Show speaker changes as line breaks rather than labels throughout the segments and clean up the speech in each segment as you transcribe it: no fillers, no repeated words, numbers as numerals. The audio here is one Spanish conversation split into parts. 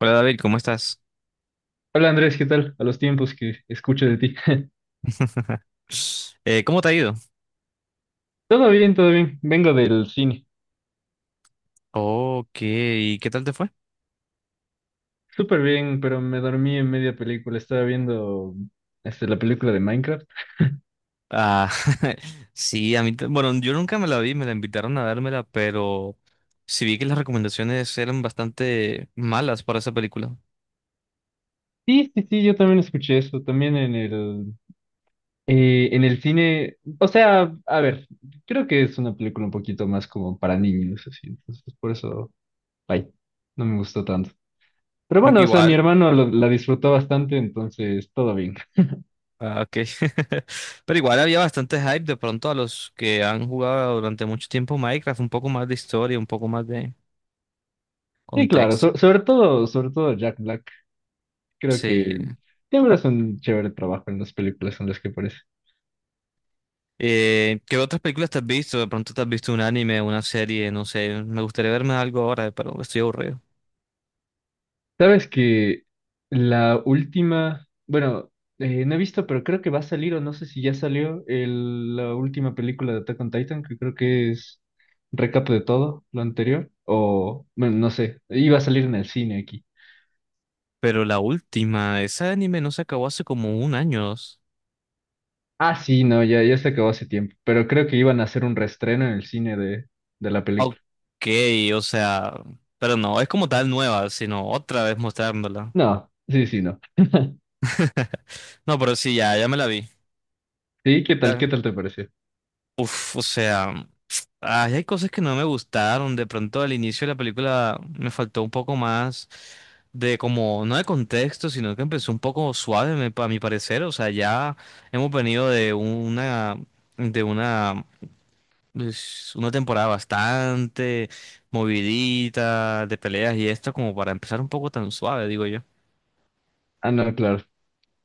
Hola David, ¿cómo estás?
Hola Andrés, ¿qué tal? A los tiempos que escucho de ti.
¿Cómo te ha ido?
Todo bien, todo bien. Vengo del cine.
Ok, ¿y qué tal te fue?
Súper bien, pero me dormí en media película. Estaba viendo este, la película de Minecraft.
Ah, sí, a mí, bueno, yo nunca me la vi, me la invitaron a dármela, pero sí vi que las recomendaciones eran bastante malas para esa película.
Sí, sí, sí, yo también escuché eso. También en en el cine. O sea, a ver, creo que es una película un poquito más como para niños, así. Entonces, por eso, ay, no me gustó tanto. Pero
Aunque
bueno, o sea, mi
igual,
hermano la disfrutó bastante, entonces todo bien.
ok. Pero igual había bastante hype de pronto a los que han jugado durante mucho tiempo Minecraft, un poco más de historia, un poco más de
Sí, claro,
contexto.
sobre todo Jack Black. Creo
Sí.
que siempre es un chévere trabajo en las películas en las que aparece.
¿Qué otras películas te has visto? De pronto te has visto un anime, una serie, no sé. Me gustaría verme algo ahora, pero estoy aburrido.
Sabes que la última, bueno, no he visto, pero creo que va a salir, o no sé si ya salió, la última película de Attack on Titan, que creo que es recap de todo lo anterior, o, bueno, no sé, iba a salir en el cine aquí.
Pero la última, ese anime no se acabó hace como un año, dos.
Ah, sí, no, ya, ya se acabó hace tiempo, pero creo que iban a hacer un reestreno en el cine de la película.
Ok, o sea, pero no, es como tal nueva, sino otra vez mostrándola.
No, sí, sí, no.
No, pero sí, ya, ya me la vi.
Sí, ¿qué tal? ¿Qué
Da-
tal te pareció?
O sea. Ay, hay cosas que no me gustaron. De pronto al inicio de la película me faltó un poco más de como, no de contexto, sino que empezó un poco suave, a mi parecer. O sea, ya hemos venido de una, de una, pues, una temporada bastante movidita, de peleas y esto, como para empezar un poco tan suave, digo yo.
Ah, no, claro.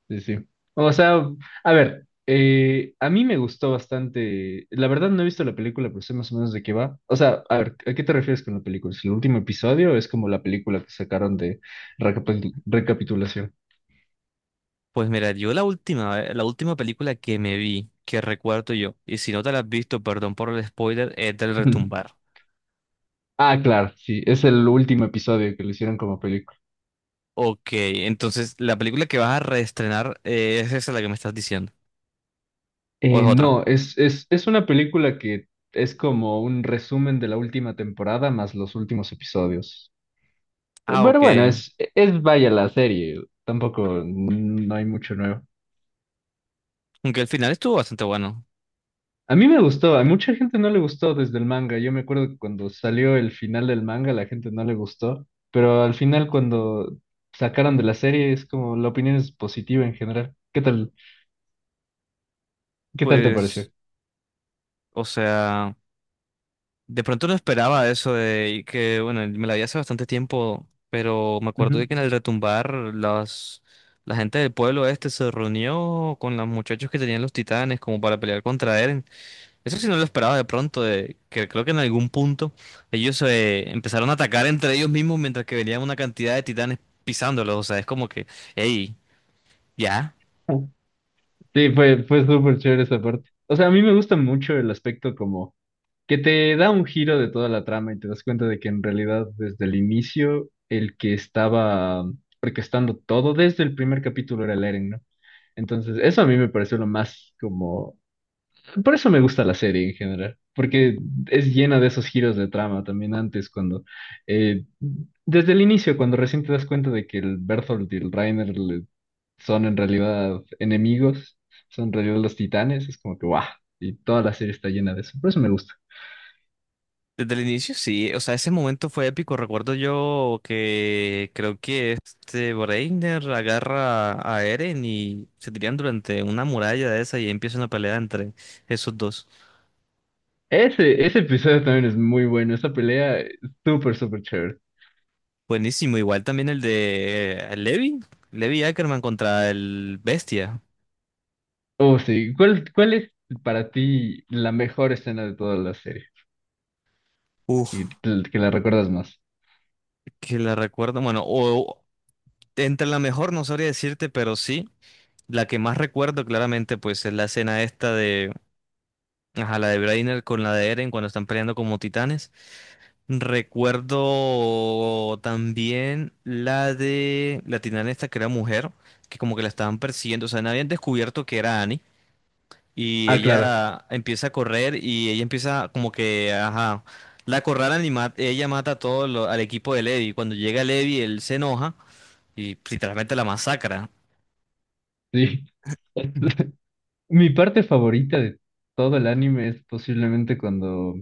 Sí, sí. O sea, a ver, a mí me gustó bastante. La verdad no he visto la película, pero sé más o menos de qué va. O sea, a ver, ¿a qué te refieres con la película? ¿Es el último episodio o es como la película que sacaron de recapitulación?
Pues mira, yo la última película que me vi, que recuerdo yo, y si no te la has visto, perdón por el spoiler, es del Retumbar.
Ah, claro, sí, es el último episodio que lo hicieron como película.
Ok, entonces la película que vas a reestrenar, es esa la que me estás diciendo, o es otra.
No, es una película que es como un resumen de la última temporada más los últimos episodios.
Ah,
Pero
ok.
bueno, es vaya la serie, tampoco no hay mucho nuevo.
Aunque el final estuvo bastante bueno.
A mí me gustó, a mucha gente no le gustó desde el manga. Yo me acuerdo que cuando salió el final del manga, la gente no le gustó, pero al final cuando sacaron de la serie es como la opinión es positiva en general. ¿Qué tal te pareció?
Pues, o sea, de pronto no esperaba eso de y que, bueno, me la vi hace bastante tiempo, pero me acuerdo de
Ujú.
que en el retumbar la gente del pueblo este se reunió con los muchachos que tenían los titanes como para pelear contra Eren. Eso sí no lo esperaba de pronto, de que creo que en algún punto ellos empezaron a atacar entre ellos mismos mientras que venían una cantidad de titanes pisándolos. O sea, es como que, hey, ya.
Sí, fue súper chévere esa parte. O sea, a mí me gusta mucho el aspecto como que te da un giro de toda la trama y te das cuenta de que en realidad desde el inicio el que estaba orquestando todo desde el primer capítulo era el Eren, ¿no? Entonces, eso a mí me pareció lo más como. Por eso me gusta la serie en general, porque es llena de esos giros de trama también antes, cuando eh, desde el inicio, cuando recién te das cuenta de que el Berthold y el Reiner son en realidad enemigos, son en realidad los titanes, es como que guau, y toda la serie está llena de eso, por eso me gusta.
Desde el inicio sí, o sea, ese momento fue épico. Recuerdo yo que creo que este Breiner agarra a Eren y se tiran durante una muralla de esa y empieza una pelea entre esos dos.
Ese episodio también es muy bueno, esa pelea es súper, súper chévere.
Buenísimo, igual también el de Levi Ackerman contra el Bestia.
Oh, sí, ¿cuál es para ti la mejor escena de toda la serie? Y
Uf.
que la recuerdas más.
Que la recuerdo, bueno, o entre la mejor no sabría decirte, pero sí, la que más recuerdo claramente pues es la escena esta de, ajá, la de Brainer con la de Eren cuando están peleando como titanes. Recuerdo también la de la titana esta que era mujer, que como que la estaban persiguiendo, o sea, no habían descubierto que era Annie y
Ah, claro,
ella empieza a correr y ella empieza como que, ajá, la acorralan y ella mata a al equipo de Levi. Cuando llega Levi, él se enoja y pues, literalmente la masacra.
sí.
Ujú.
Mi parte favorita de todo el anime es posiblemente cuando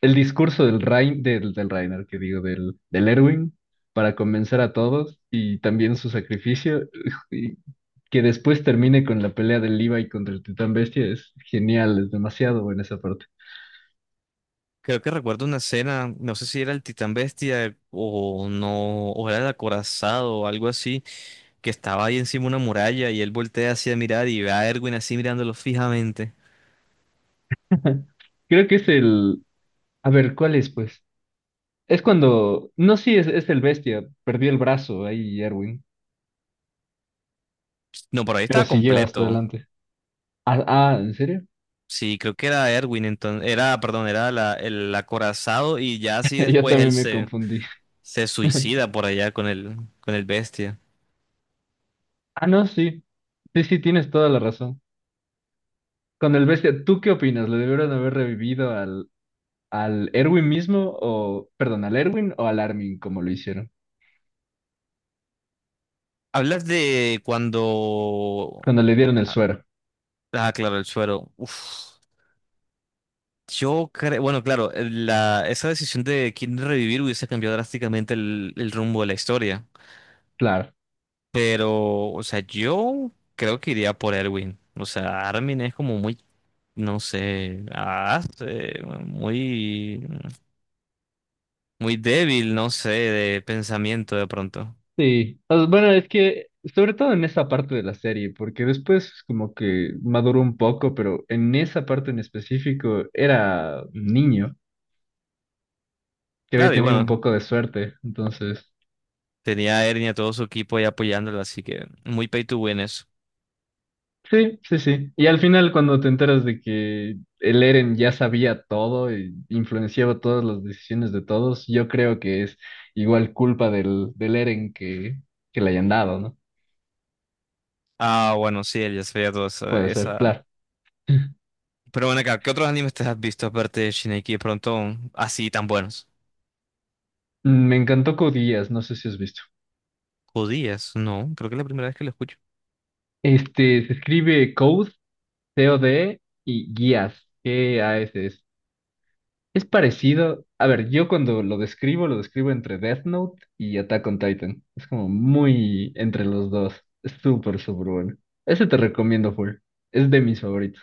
el discurso del Rein, del, del Reiner, que digo, del, del Erwin, para convencer a todos y también su sacrificio, y que después termine con la pelea del Levi contra el Titán Bestia, es genial, es demasiado buena esa parte.
Creo que recuerdo una escena, no sé si era el Titán Bestia o no, o era el acorazado o algo así, que estaba ahí encima de una muralla y él voltea así a mirar y ve a Erwin así mirándolo fijamente.
Creo que es el... A ver, ¿cuál es, pues? Es cuando... No, sí, es el Bestia, perdió el brazo ahí, Erwin,
No, pero ahí
pero
estaba
siguió hasta
completo.
adelante. Ah, ah, ¿en serio?
Sí, creo que era Erwin, entonces, era, perdón, era el acorazado y ya así
Yo
después él
también me
se,
confundí.
se suicida por allá con con el Bestia.
Ah, no, sí. Sí, sí, tienes toda la razón. Con el bestia, ¿tú qué opinas? ¿Le debieron haber revivido al Erwin mismo o, perdón, al Erwin o al Armin como lo hicieron?
Hablas de cuando...
Cuando le dieron el
Ah,
suero.
ah, claro, el suero. Uf. Yo creo, bueno, claro, esa decisión de quién revivir hubiese cambiado drásticamente el rumbo de la historia.
Claro.
Pero, o sea, yo creo que iría por Erwin. O sea, Armin es como muy, no sé, muy, muy débil, no sé, de pensamiento de pronto.
Sí. O sea, bueno, es que, sobre todo en esa parte de la serie, porque después como que maduró un poco, pero en esa parte en específico era un niño que había
Claro, y
tenido un
bueno,
poco de suerte. Entonces...
tenía a Ernie y a todo su equipo ahí apoyándolo, así que muy pay to win eso.
Sí, sí, sí. Y al final, cuando te enteras de que el Eren ya sabía todo e influenciaba todas las decisiones de todos, yo creo que es igual culpa del Eren que le hayan dado, ¿no?
Ah, bueno, sí, él ya sabía toda esa,
Puede ser,
esa.
claro.
Pero bueno, acá, ¿qué otros animes te has visto aparte de Shingeki de pronto así tan buenos?
Mm, me encantó Code Geass, no sé si has visto.
Judías, no, creo que es la primera vez que lo escucho.
Este, se escribe Code, C-O-D, y Guías, Gass. Es parecido. A ver, yo cuando lo describo entre Death Note y Attack on Titan. Es como muy entre los dos. Es súper, súper bueno. Ese te recomiendo full. Es de mis favoritos.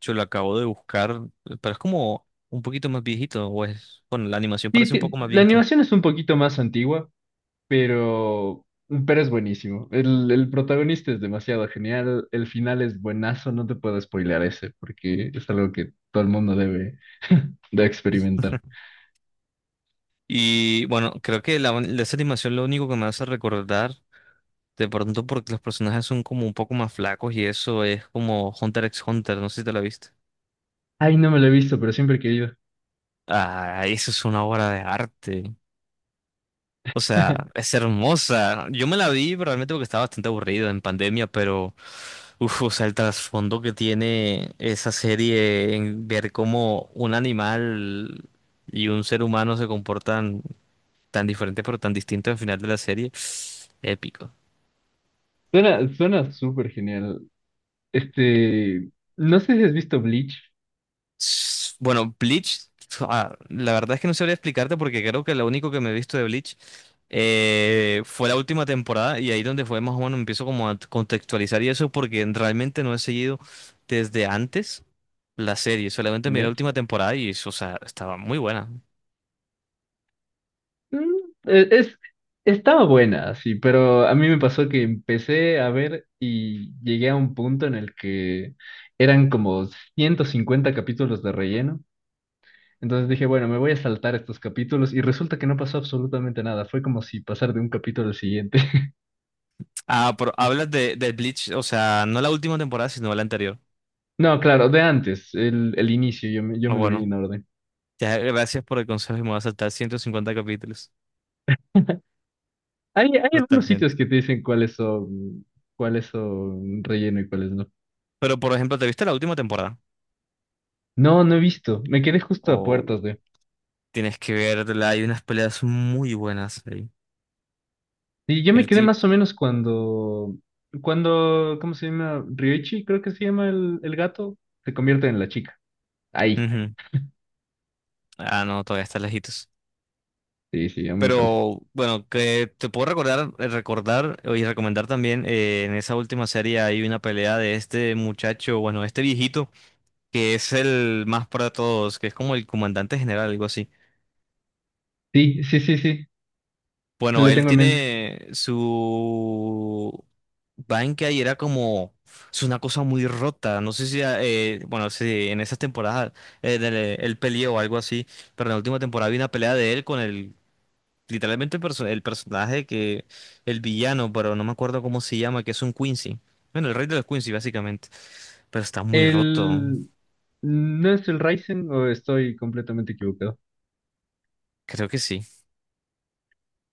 Yo lo acabo de buscar, pero es como un poquito más viejito, o es, bueno, la animación
Sí,
parece un poco
sí,
más
la
viejita.
animación es un poquito más antigua, pero, pero es buenísimo. El protagonista es demasiado genial. El final es buenazo. No te puedo spoilear ese, porque es algo que todo el mundo debe, debe experimentar.
Y bueno, creo que de esa animación lo único que me hace recordar, de pronto porque los personajes son como un poco más flacos y eso es como Hunter x Hunter, no sé si te la viste.
Ay, no me lo he visto, pero siempre he querido.
Ah, eso es una obra de arte. O sea, es hermosa. Yo me la vi realmente porque estaba bastante aburrido en pandemia, pero uf, o sea, el trasfondo que tiene esa serie en ver cómo un animal y un ser humano se comportan tan diferentes pero tan distintos al final de la serie, épico.
Suena, suena súper genial. Este, no sé si has visto Bleach,
Bueno, Bleach, la verdad es que no sabría explicarte porque creo que lo único que me he visto de Bleach fue la última temporada y ahí donde fue más o menos empiezo como a contextualizar y eso porque realmente no he seguido desde antes la serie, solamente miré la
¿ya?
última temporada y o sea, estaba muy buena.
Mm, es, estaba buena, sí, pero a mí me pasó que empecé a ver y llegué a un punto en el que eran como 150 capítulos de relleno. Entonces dije, bueno, me voy a saltar estos capítulos y resulta que no pasó absolutamente nada. Fue como si pasar de un capítulo al siguiente.
Ah, pero hablas de Bleach, o sea, no la última temporada, sino la anterior.
No, claro, de antes, el inicio, yo
Ah,
me lo
bueno,
vi en orden.
ya, gracias por el consejo y me voy a saltar 150 capítulos.
Hay algunos
Totalmente.
sitios que te dicen cuáles son relleno y cuáles no.
Pero por ejemplo, ¿te viste la última temporada?
No, no he visto. Me quedé justo a puertas de.
Tienes que verla, hay unas peleas muy buenas ahí.
Y yo me
El
quedé
tip.
más o menos cuando, cuando, ¿cómo se llama? Ryoichi, creo que se llama el gato, se convierte en la chica. Ahí.
Ujú. Ah, no, todavía está lejitos.
Sí, sí, ya me falta.
Pero bueno, que te puedo recordar, recordar y recomendar también, en esa última serie hay una pelea de este muchacho, bueno, este viejito, que es el más para todos, que es como el comandante general, algo así.
Sí, sí, sí, sí.
Bueno,
La
él
tengo en mente.
tiene su banca y era como es una cosa muy rota. No sé si bueno, si en esas temporadas él peleó o algo así, pero en la última temporada vi una pelea de él con el literalmente el personaje que el villano, pero no me acuerdo cómo se llama, que es un Quincy. Bueno, el rey de los Quincy básicamente, pero está muy roto.
El, ¿no es el Raisen o estoy completamente equivocado?
Creo que sí.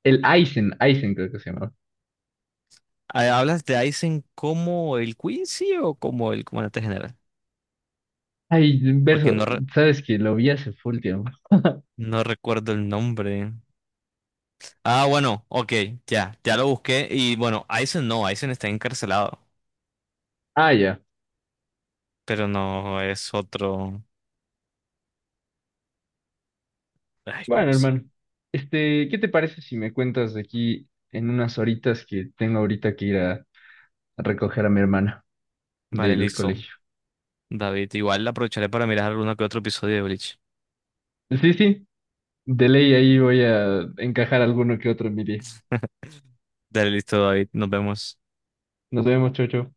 El Aizen, Aizen creo que se llamaba.
Ah, ¿hablas de Aizen como el Quincy o como el comandante general?
Ay,
Porque
verso,
no
sabes que lo vi hace full tiempo.
No recuerdo el nombre. Ah, bueno, ok, ya, ya lo busqué. Y bueno, Aizen no, Aizen está encarcelado.
Ah, ya.
Pero no es otro. Ay, ¿cómo
Bueno,
se?
hermano, este, ¿qué te parece si me cuentas de aquí en unas horitas que tengo ahorita que ir a recoger a mi hermana
Vale,
del
listo.
colegio?
David, igual aprovecharé para mirar alguno que otro episodio de Bleach.
Sí, sí, de ley ahí voy a encajar alguno que otro en mi día.
Dale, listo, David, nos vemos.
Nos vemos, chocho.